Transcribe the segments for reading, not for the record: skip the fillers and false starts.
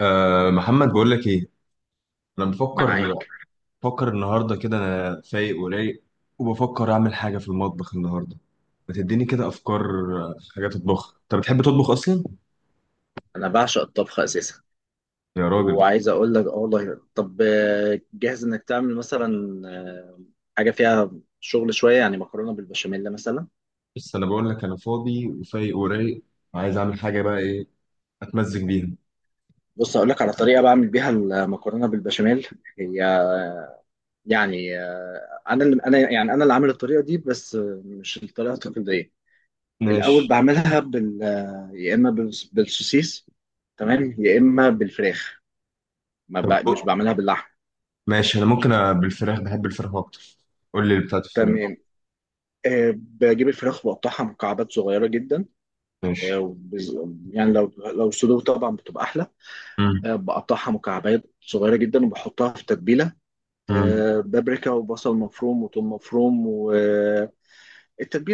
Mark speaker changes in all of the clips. Speaker 1: أه، محمد، بقول لك ايه؟ انا بفكر.
Speaker 2: معاك.
Speaker 1: بفكر النهارده كده انا فايق ورايق، وبفكر اعمل حاجه في المطبخ النهارده. ما تديني كده افكار. حاجات اطبخها. انت بتحب تطبخ اصلا؟
Speaker 2: انا بعشق الطبخ اساسا،
Speaker 1: يا راجل!
Speaker 2: وعايز اقول لك اه والله. طب جاهز انك تعمل مثلا حاجه فيها شغل شويه، يعني مكرونه بالبشاميل مثلا.
Speaker 1: بس انا بقول لك انا فاضي وفايق ورايق، وعايز اعمل حاجه. بقى ايه اتمزج بيها؟
Speaker 2: بص، اقول لك على طريقه بعمل بيها المكرونه بالبشاميل. هي يعني انا اللي عامل الطريقه دي، بس مش الطريقه التقليديه. الاول
Speaker 1: ماشي.
Speaker 2: بعملها بال آه، يا اما بالسوسيس، تمام، يا اما بالفراخ. ما ب...
Speaker 1: طب
Speaker 2: مش
Speaker 1: بق-
Speaker 2: بعملها باللحم.
Speaker 1: ماشي، انا ممكن بالفراخ، بحب الفراخ اكتر. قول لي اللي بتاعت الفراخ.
Speaker 2: تمام. بجيب الفراخ، بقطعها مكعبات صغيره جدا.
Speaker 1: ماشي.
Speaker 2: آه، بز- يعني لو صدور طبعا بتبقى احلى.
Speaker 1: امم.
Speaker 2: بقطعها مكعبات صغيره جدا وبحطها في تتبيله.
Speaker 1: امم.
Speaker 2: بابريكا، وبصل مفروم، وثوم مفروم، والتتبيله.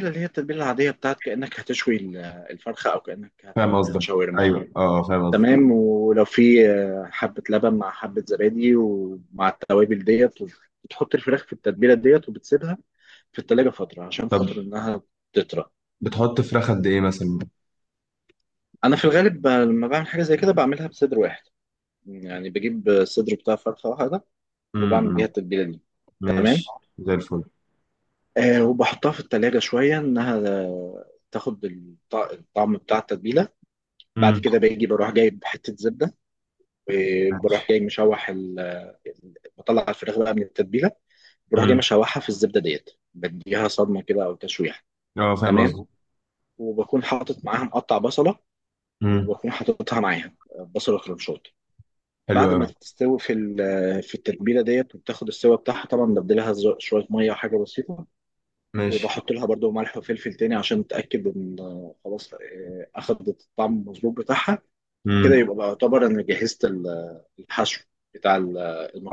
Speaker 2: اللي هي التتبيله العاديه بتاعت كانك هتشوي الفرخه، او كانك
Speaker 1: فاهم
Speaker 2: هتعمل لها
Speaker 1: قصدك.
Speaker 2: شاورما.
Speaker 1: ايوه، اه، فاهم قصدك.
Speaker 2: تمام. ولو في حبه لبن مع حبه زبادي ومع التوابل ديت. بتحط الفراخ في التتبيله ديت وبتسيبها في التلاجة فتره عشان
Speaker 1: طب،
Speaker 2: خاطر انها تطرى.
Speaker 1: بتحط فراخ قد ايه مثلا؟
Speaker 2: انا في الغالب لما بعمل حاجه زي كده بعملها بصدر واحد، يعني بجيب الصدر بتاع فرخة واحدة، وبعمل بيها
Speaker 1: امم.
Speaker 2: التتبيلة دي. تمام.
Speaker 1: ماشي. زي الفل.
Speaker 2: وبحطها في التلاجة شوية إنها تاخد الطعم بتاع التتبيلة. بعد
Speaker 1: امم.
Speaker 2: كده باجي بروح جايب حتة زبدة، وبروح
Speaker 1: ماشي.
Speaker 2: جاي مشوح بطلع الفراخ بقى من التتبيلة، بروح جاي
Speaker 1: امم.
Speaker 2: مشوحها في الزبدة ديت، بديها صدمة كده أو تشويح.
Speaker 1: اه، فاهم
Speaker 2: تمام.
Speaker 1: قصدي.
Speaker 2: وبكون حاطط معاها مقطع بصلة،
Speaker 1: امم.
Speaker 2: وبكون حاططها معاها بصلة كرنشات.
Speaker 1: حلو
Speaker 2: بعد ما
Speaker 1: قوي.
Speaker 2: تستوي في التتبيله ديت وبتاخد السوا بتاعها، طبعا ببدلها شويه ميه وحاجه بسيطه.
Speaker 1: ماشي.
Speaker 2: وبحط لها برضو ملح وفلفل تاني عشان اتاكد ان خلاص اخدت الطعم المظبوط بتاعها. كده
Speaker 1: امم.
Speaker 2: يبقى بعتبر ان جهزت الحشو بتاع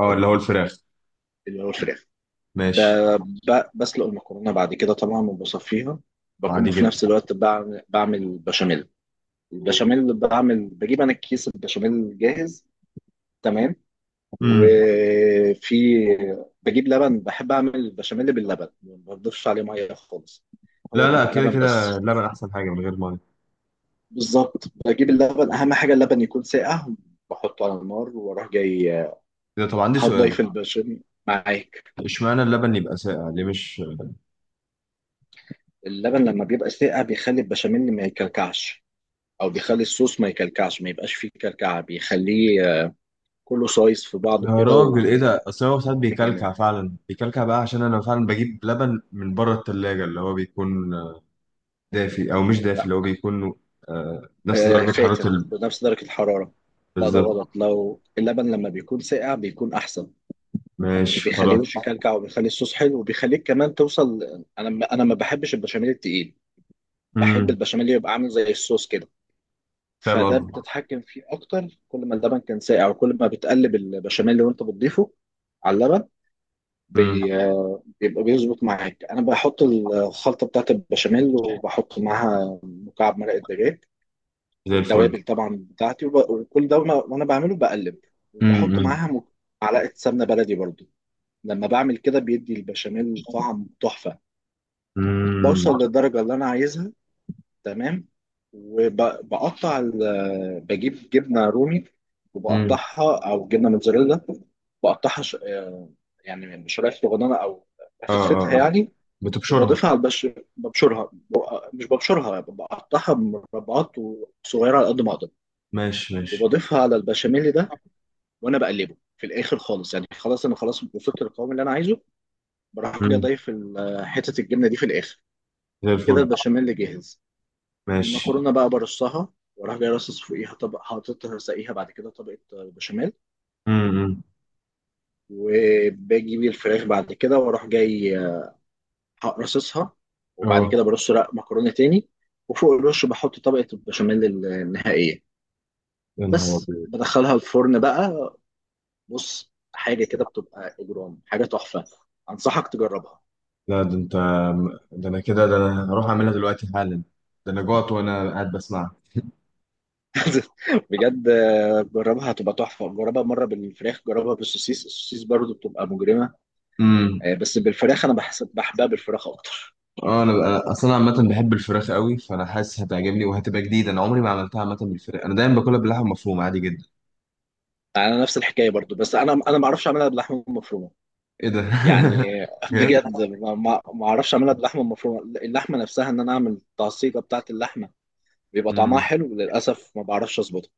Speaker 1: اه، اللي هو الفراخ.
Speaker 2: اللي هو الفراخ. ب-
Speaker 1: ماشي.
Speaker 2: بسلق المكرونه بعد كده طبعا وبصفيها. بكون
Speaker 1: عادي
Speaker 2: في
Speaker 1: جدا.
Speaker 2: نفس الوقت بعمل بشاميل. البشاميل بعمل، بجيب انا كيس البشاميل جاهز، تمام.
Speaker 1: امم.
Speaker 2: وفي، بجيب لبن، بحب اعمل بشاميل باللبن، ما بضيفش عليه ميه خالص. هو
Speaker 1: لا لا،
Speaker 2: بيبقى
Speaker 1: كده
Speaker 2: لبن
Speaker 1: كده
Speaker 2: بس.
Speaker 1: اللبن احسن حاجه من غير ميه.
Speaker 2: بالظبط، بجيب اللبن. اهم حاجه اللبن يكون ساقع، بحطه على النار واروح جاي
Speaker 1: ده طب عندي سؤال.
Speaker 2: هتضيف البشاميل معاك.
Speaker 1: اشمعنى اللبن يبقى ساقع ليه؟ مش...
Speaker 2: اللبن لما بيبقى ساقع بيخلي البشاميل ما يكلكعش، او بيخلي الصوص ما يكلكعش، ما يبقاش فيه كلكعه، بيخليه كله سايس في
Speaker 1: يا
Speaker 2: بعضه كده
Speaker 1: راجل، ايه
Speaker 2: وهو
Speaker 1: ده؟ اصل هو ساعات بيكلكع،
Speaker 2: جامد.
Speaker 1: فعلا بيكلكع بقى، عشان انا فعلا بجيب لبن من بره التلاجة اللي هو بيكون دافي او مش دافي، اللي هو بيكون نفس درجه حراره
Speaker 2: فاتر بنفس درجة الحرارة. لا ده
Speaker 1: بالظبط.
Speaker 2: غلط، لو اللبن لما بيكون ساقع بيكون أحسن، وما
Speaker 1: ماشي، خلاص.
Speaker 2: بيخليهوش يكلكع، وبيخلي الصوص حلو، وبيخليك كمان توصل. أنا ما بحبش البشاميل التقيل، بحب
Speaker 1: امم،
Speaker 2: البشاميل اللي يبقى عامل زي الصوص كده. فده
Speaker 1: فاهم قصدي.
Speaker 2: بتتحكم فيه أكتر، كل ما اللبن كان ساقع، وكل ما بتقلب البشاميل اللي وأنت بتضيفه على اللبن
Speaker 1: امم.
Speaker 2: بي... بيبقى بيظبط معاك. أنا بحط الخلطة بتاعت البشاميل وبحط معاها مكعب مرقة دجاج.
Speaker 1: زي الفل.
Speaker 2: والتوابل طبعا بتاعتي، وكل ده، وأنا بعمله بقلب، وبحط
Speaker 1: امم.
Speaker 2: معاها معلقة سمنة بلدي برضو. لما بعمل كده بيدي البشاميل طعم تحفة.
Speaker 1: امم.
Speaker 2: بوصل للدرجة اللي أنا عايزها. تمام. وبقطع ال... بجيب جبنة رومي
Speaker 1: امم.
Speaker 2: وبقطعها، أو جبنة موتزاريلا، بقطعها ش... آه، يعني شرايح صغننة، أو
Speaker 1: اه،
Speaker 2: بفتفتها
Speaker 1: اه، آه.
Speaker 2: يعني.
Speaker 1: بتبشرها.
Speaker 2: وبضيفها على البش ببشرها مش ببشرها، بقطعها مربعات صغيرة على قد ما أقدر،
Speaker 1: ماشي، ماشي.
Speaker 2: وبضيفها على البشاميل ده وانا بقلبه في الاخر خالص. يعني خلاص، انا خلاص وصلت للقوام اللي انا عايزه، بروح جاي
Speaker 1: امم.
Speaker 2: ضايف حته الجبنه دي في الاخر.
Speaker 1: زي
Speaker 2: كده
Speaker 1: الفل.
Speaker 2: البشاميل اللي جاهز.
Speaker 1: ماشي.
Speaker 2: المكرونه بقى برصها، واروح جاي راصص فوقيها طبق، حاططها ساقيها، بعد كده طبقه بشاميل.
Speaker 1: امم.
Speaker 2: وباجي بيه الفراخ بعد كده، واروح جاي راصصها، وبعد
Speaker 1: اه،
Speaker 2: كده برص رق مكرونه تاني، وفوق الرش بحط طبقه البشاميل النهائيه.
Speaker 1: يا نهار
Speaker 2: بس
Speaker 1: ابيض!
Speaker 2: بدخلها الفرن بقى. بص، حاجه كده بتبقى اجرام، حاجه تحفه، انصحك تجربها.
Speaker 1: لا ده انت! ده انا كده، ده انا هروح اعملها دلوقتي حالا. ده انا جوعت وانا قاعد بسمعها.
Speaker 2: بجد. جربها هتبقى تحفه، جربها مره بالفراخ، جربها بالسوسيس، السوسيس برضو بتبقى مجرمه.
Speaker 1: امم.
Speaker 2: بس بالفراخ انا بحسب بحبها بالفراخ اكتر.
Speaker 1: اه، انا اصلا عامه بحب الفراخ قوي، فانا حاسس هتعجبني وهتبقى جديده. انا عمري ما عملتها عامه بالفراخ، انا دايما باكلها باللحمه مفرومه عادي جدا.
Speaker 2: انا نفس الحكايه برضو، بس انا ما اعرفش اعملها باللحمه المفرومه.
Speaker 1: ايه ده؟
Speaker 2: يعني
Speaker 1: بجد؟
Speaker 2: بجد ما اعرفش اعملها باللحمه المفرومه، اللحمه نفسها، ان انا اعمل التعصيجه بتاعه اللحمه. بيبقى طعمها
Speaker 1: امم.
Speaker 2: حلو، للاسف ما بعرفش اظبطها.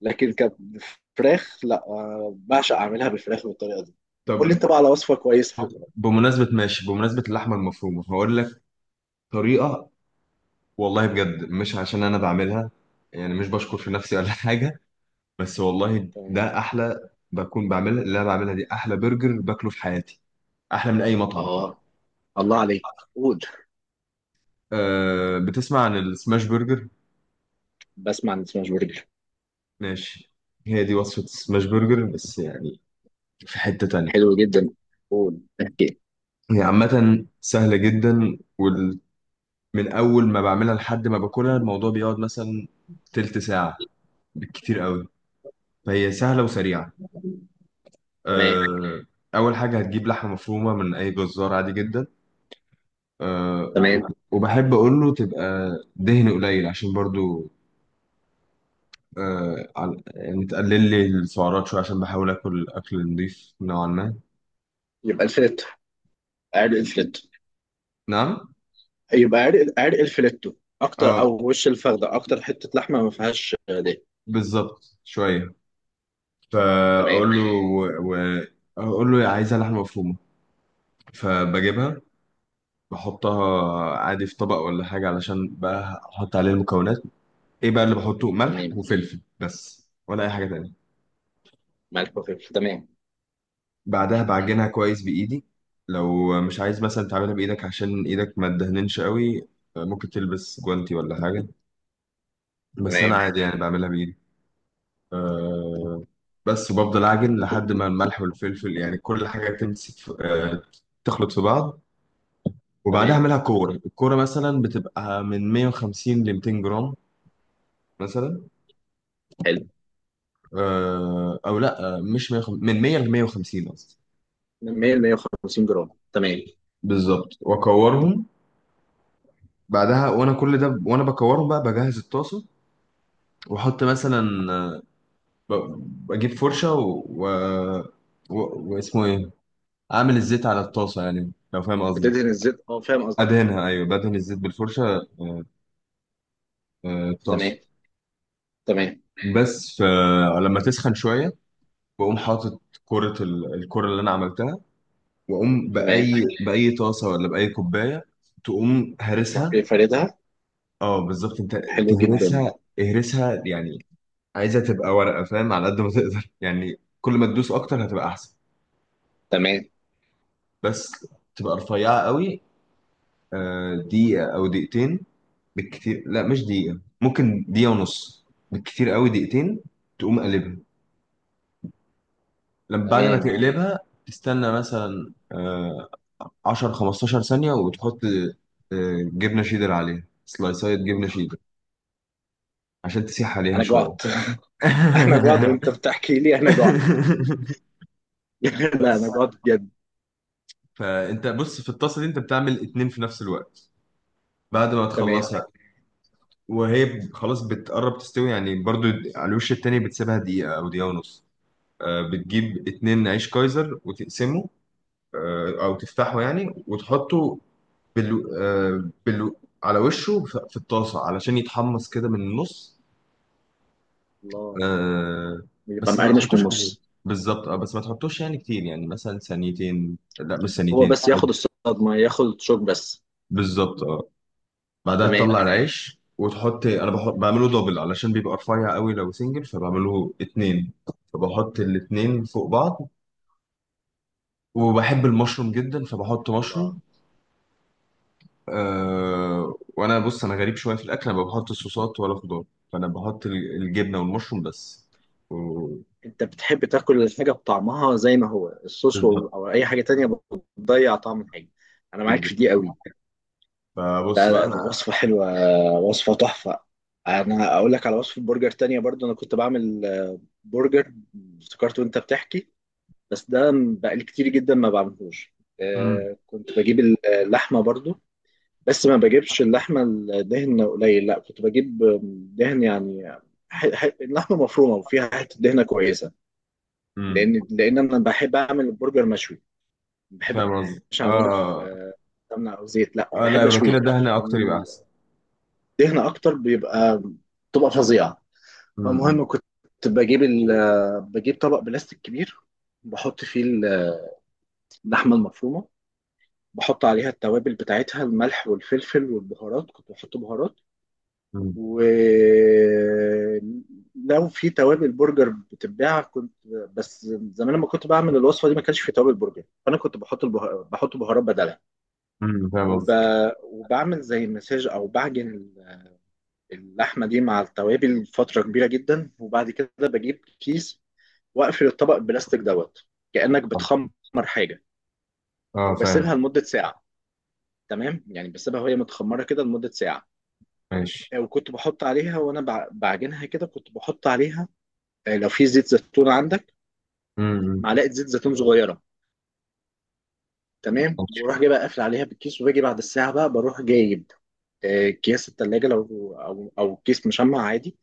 Speaker 2: لكن كفراخ لا، بعشق اعملها بالفراخ بالطريقه دي. قول
Speaker 1: طب،
Speaker 2: لي انت بقى على وصفه كويسه.
Speaker 1: بمناسبة اللحمة المفرومة هقول لك طريقة. والله بجد مش عشان أنا بعملها، يعني مش بشكر في نفسي ولا حاجة، بس والله
Speaker 2: تمام.
Speaker 1: ده أحلى. بكون بعملها، اللي أنا بعملها دي أحلى برجر باكله في حياتي. أحلى من أي مطعم.
Speaker 2: اه، الله عليك قول.
Speaker 1: أه، بتسمع عن السماش برجر؟
Speaker 2: بسمع عن سماش برجر.
Speaker 1: ماشي. هي دي وصفة السماش برجر، بس يعني في حتة تانية.
Speaker 2: حلو جدا، قول. اوكي.
Speaker 1: هي عامة سهلة جدا، ومن أول ما بعملها لحد ما باكلها الموضوع بيقعد مثلا تلت ساعة بالكتير قوي، فهي سهلة وسريعة.
Speaker 2: تمام.
Speaker 1: آه، أول حاجة، هتجيب لحمة مفرومة من أي جزار عادي جدا.
Speaker 2: تمام.
Speaker 1: وبحب أقول له تبقى دهن قليل، عشان برضو يعني تقلل لي السعرات شوية، عشان بحاول آكل أكل نضيف نوعا ما.
Speaker 2: يبقى الفليتو، عرق الفليتو.
Speaker 1: نعم.
Speaker 2: يبقى عرق الفليتو اكتر،
Speaker 1: اه،
Speaker 2: او وش الفخده، اكتر حته لحمه ما فيهاش ده.
Speaker 1: بالظبط، شوية.
Speaker 2: تمام.
Speaker 1: فأقول له و... و... أقول له عايزة لحمة مفرومة، فبجيبها، بحطها عادي في طبق ولا حاجة علشان بقى أحط عليه المكونات. ايه بقى اللي بحطه؟ ملح
Speaker 2: تمام.
Speaker 1: وفلفل بس، ولا اي حاجه تانية؟
Speaker 2: ملح وفلفل. تمام.
Speaker 1: بعدها بعجنها كويس بايدي. لو مش عايز مثلا تعملها بايدك عشان ايدك ما تدهننش قوي، ممكن تلبس جوانتي ولا حاجه، بس انا
Speaker 2: تمام.
Speaker 1: عادي يعني بعملها بايدي. أه، بس وبفضل اعجن لحد ما الملح والفلفل يعني كل حاجه تمسك في تخلط في بعض. وبعدها
Speaker 2: تمام.
Speaker 1: اعملها كوره. الكوره مثلا بتبقى من 150 ل 200 جرام مثلا.
Speaker 2: حلو.
Speaker 1: أه، او لا، مش 150، من 100 ل 150 قصدي.
Speaker 2: 100 150 جرام. تمام.
Speaker 1: بالظبط. واكورهم. بعدها، وانا كل ده وانا بكورهم، بقى بجهز الطاسه. واحط مثلا ب- بجيب فرشه واسمه ايه، اعمل الزيت على الطاسه، يعني لو فاهم قصدي،
Speaker 2: بتدهن الزيت اه، فاهم قصدك.
Speaker 1: ادهنها. ايوه، بدهن الزيت بالفرشه الطاسه.
Speaker 2: تمام. تمام.
Speaker 1: بس فلما تسخن شويه، بقوم حاطط كره الكره اللي انا عملتها، واقوم
Speaker 2: تمام.
Speaker 1: باي طاسه ولا باي كوبايه، تقوم
Speaker 2: تروح
Speaker 1: هرسها.
Speaker 2: جاي فاردها.
Speaker 1: اه، بالظبط، انت
Speaker 2: حلو جدا.
Speaker 1: تهرسها. اهرسها يعني عايزة تبقى ورقة، فاهم، على قد ما تقدر، يعني كل ما تدوس أكتر هتبقى أحسن.
Speaker 2: تمام.
Speaker 1: بس تبقى رفيعة قوي. دقيقة أو دقيقتين بالكتير. لا، مش دقيقة، ممكن دقيقة ونص بالكتير قوي، دقيقتين. تقوم قلبها. لما بعد ما
Speaker 2: تمام.
Speaker 1: تقلبها، تستنى مثلا 10 15 ثانية، وتحط جبنة شيدر عليها، سلايسات جبنة شيدر عشان تسيح عليها
Speaker 2: انا
Speaker 1: شوية.
Speaker 2: جوعت. انا جوعت وانت بتحكي لي، انا جوعت. لا انا
Speaker 1: بس.
Speaker 2: جوعت بجد.
Speaker 1: فانت بص، في الطاسه دي انت بتعمل اتنين في نفس الوقت. بعد ما
Speaker 2: تمام.
Speaker 1: تخلصها، وهي خلاص بتقرب تستوي يعني، برضو على الوش التاني بتسيبها دقيقة أو دقيقة ونص. بتجيب اتنين عيش كايزر وتقسمه، أو تفتحه يعني، وتحطه بالو... آه، بالو... على وشه في الطاسة علشان يتحمص كده من النص.
Speaker 2: الله.
Speaker 1: آه،
Speaker 2: يبقى
Speaker 1: بس ما
Speaker 2: مقرمش من
Speaker 1: تحطوش كتير.
Speaker 2: النص.
Speaker 1: بالظبط، اه، بس ما تحطوش يعني كتير، يعني مثلا ثانيتين، لا مش
Speaker 2: هو
Speaker 1: ثانيتين.
Speaker 2: بس ياخد الصدمة، ياخد الشوك بس.
Speaker 1: بالظبط، اه. بعدها
Speaker 2: تمام.
Speaker 1: تطلع العيش وتحط، انا بحط، بعمله دبل علشان بيبقى رفيع قوي لو سنجل، فبعمله اتنين. فبحط الاتنين فوق بعض. وبحب المشروم جدا، فبحط
Speaker 2: الله.
Speaker 1: مشروم. أه... وانا بص، انا غريب شويه في الاكل، انا ما بحط صوصات ولا خضار، فانا بحط الجبنه والمشروم بس. و...
Speaker 2: انت بتحب تاكل الحاجة بطعمها زي ما هو. الصوص
Speaker 1: بالظبط.
Speaker 2: او اي حاجة تانية بتضيع طعم الحاجة. انا معاك
Speaker 1: بالظبط.
Speaker 2: في دي قوي.
Speaker 1: فبص
Speaker 2: لا
Speaker 1: بقى
Speaker 2: لا،
Speaker 1: انا...
Speaker 2: وصفة حلوة، وصفة تحفة. انا اقول لك على وصفة برجر تانية برضو. انا كنت بعمل برجر، افتكرت وانت بتحكي. بس ده بقالي كتير جدا ما بعملهوش.
Speaker 1: مم.
Speaker 2: كنت بجيب اللحمة برضو، بس ما بجيبش اللحمه الدهن قليل، لا كنت بجيب دهن يعني. اللحمه مفرومه وفيها حته دهنه كويسه.
Speaker 1: مم.
Speaker 2: لان انا بحب اعمل البرجر مشوي، ما بحبش
Speaker 1: فاهم قصدي،
Speaker 2: اعمله
Speaker 1: اه،
Speaker 2: في سمنه او زيت، لا
Speaker 1: اه. لا،
Speaker 2: بحب
Speaker 1: لو كده
Speaker 2: اشويه.
Speaker 1: دهنه اكتر يبقى
Speaker 2: الدهن
Speaker 1: احسن.
Speaker 2: اكتر بيبقى بتبقى فظيعه.
Speaker 1: مم.
Speaker 2: فالمهم كنت بجيب ال... بجيب طبق بلاستيك كبير، بحط فيه اللحمه المفرومه، بحط عليها التوابل بتاعتها، الملح والفلفل والبهارات، كنت بحط بهارات.
Speaker 1: مم.
Speaker 2: ولو في توابل برجر بتتباع كنت، بس زمان لما كنت بعمل الوصفه دي ما كانش في توابل برجر، فانا كنت بحط بهارات بدلها.
Speaker 1: مم. فاهم
Speaker 2: وب...
Speaker 1: قصدي،
Speaker 2: وبعمل زي مساج، او بعجن اللحمه دي مع التوابل فتره كبيره جدا. وبعد كده بجيب كيس واقفل الطبق البلاستيك دوت، كانك بتخمر حاجه،
Speaker 1: اه، فاهم.
Speaker 2: وبسيبها لمده ساعه. تمام، يعني بسيبها وهي متخمره كده لمده ساعه.
Speaker 1: ماشي.
Speaker 2: وكنت بحط عليها وانا بعجنها كده كنت بحط عليها لو في زيت زيتون عندك
Speaker 1: مم.
Speaker 2: معلقه زيت زيتون صغيره. تمام. بروح جايبها قافل عليها بالكيس، وباجي بعد الساعه بقى، بروح جايب كيس التلاجة، لو او كيس مشمع عادي.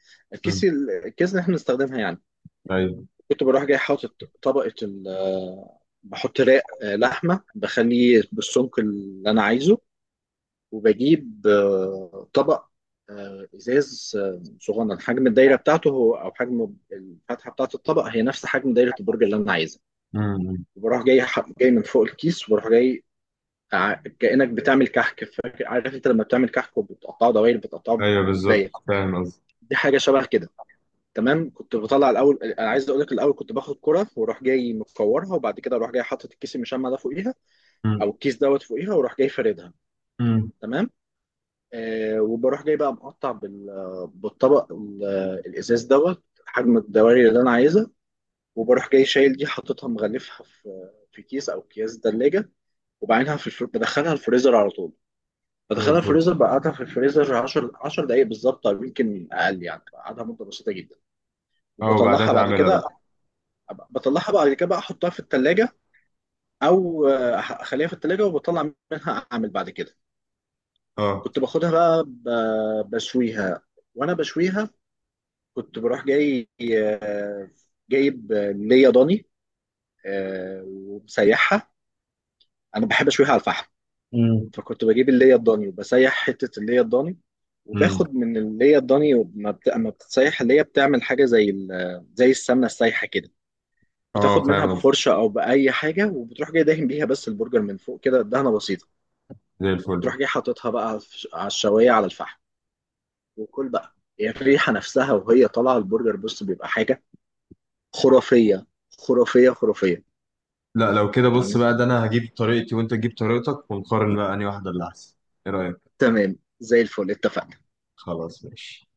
Speaker 1: مم.
Speaker 2: الكيس اللي احنا بنستخدمها يعني.
Speaker 1: ايوه.
Speaker 2: كنت بروح جاي حاطط طبقه ال آه، بحط رق لحمه، بخليه بالسمك اللي انا عايزه. وبجيب طبق ازاز صغنن، حجم الدايره بتاعته هو، او حجم الفتحه بتاعه الطبق، هي نفس حجم دايره البرج اللي انا عايزها.
Speaker 1: مم.
Speaker 2: وبروح جاي جاي من فوق الكيس، وبروح جاي كأنك بتعمل كحك، فاكر؟ عارف انت لما بتعمل كحك وبتقطعه دوائر، بتقطعه
Speaker 1: ايوه، بالظبط،
Speaker 2: بكوبايه،
Speaker 1: فاهم قصدي.
Speaker 2: دي حاجه شبه كده. تمام. كنت بطلع الاول، انا عايز اقول لك، الاول كنت باخد كره واروح جاي مكورها، وبعد كده اروح جاي حاطط الكيس المشمع ده فوقيها،
Speaker 1: مم.
Speaker 2: او الكيس دوت فوقيها، واروح جاي فاردها.
Speaker 1: مم.
Speaker 2: تمام. وبروح جاي بقى مقطع بالطبق الازاز دوت، حجم الدوائر اللي انا عايزها. وبروح جاي شايل دي، حاططها مغلفها في كيس او اكياس ثلاجه، وبعدها بدخلها الفريزر على طول.
Speaker 1: زي
Speaker 2: بدخلها
Speaker 1: الفل.
Speaker 2: الفريزر، بقعدها في الفريزر 10 10 دقايق بالظبط، او يمكن اقل، يعني بقعدها مده بسيطه جدا.
Speaker 1: اه، وبعدها
Speaker 2: وبطلعها بعد
Speaker 1: تعملها
Speaker 2: كده.
Speaker 1: بقى.
Speaker 2: بطلعها بعد كده بقى احطها في التلاجة، او اخليها في التلاجة وبطلع منها اعمل بعد كده.
Speaker 1: اه.
Speaker 2: كنت باخدها بقى بشويها. وانا بشويها كنت بروح جاي آه، جايب ليا ضاني ومسيحها. انا بحب اشويها على الفحم.
Speaker 1: مم.
Speaker 2: فكنت بجيب اللي هي الضاني، وبسيح حتة اللي هي الضاني،
Speaker 1: مم.
Speaker 2: وباخد من اللي هي الضاني اما بتتسيح اللي هي بتعمل حاجة زي السمنة السايحة كده.
Speaker 1: اه،
Speaker 2: بتاخد منها
Speaker 1: فاهم قصدي.
Speaker 2: بفرشة، أو بأي حاجة، وبتروح جاي دهن بيها بس البرجر من فوق كده، دهنة بسيطة.
Speaker 1: زي الفل.
Speaker 2: وتروح جاي حاططها بقى على الشواية، على الفحم. وكل بقى، هي يعني الريحة نفسها وهي طالعة البرجر، بص بيبقى حاجة خرافية، خرافية، خرافية.
Speaker 1: لا، لو كده بص
Speaker 2: أنا-
Speaker 1: بقى، ده انا هجيب طريقتي وانت تجيب طريقتك ونقارن بقى انهي واحده اللي احسن. ايه رايك؟
Speaker 2: تمام، زي الفل، اتفقنا.
Speaker 1: خلاص، ماشي.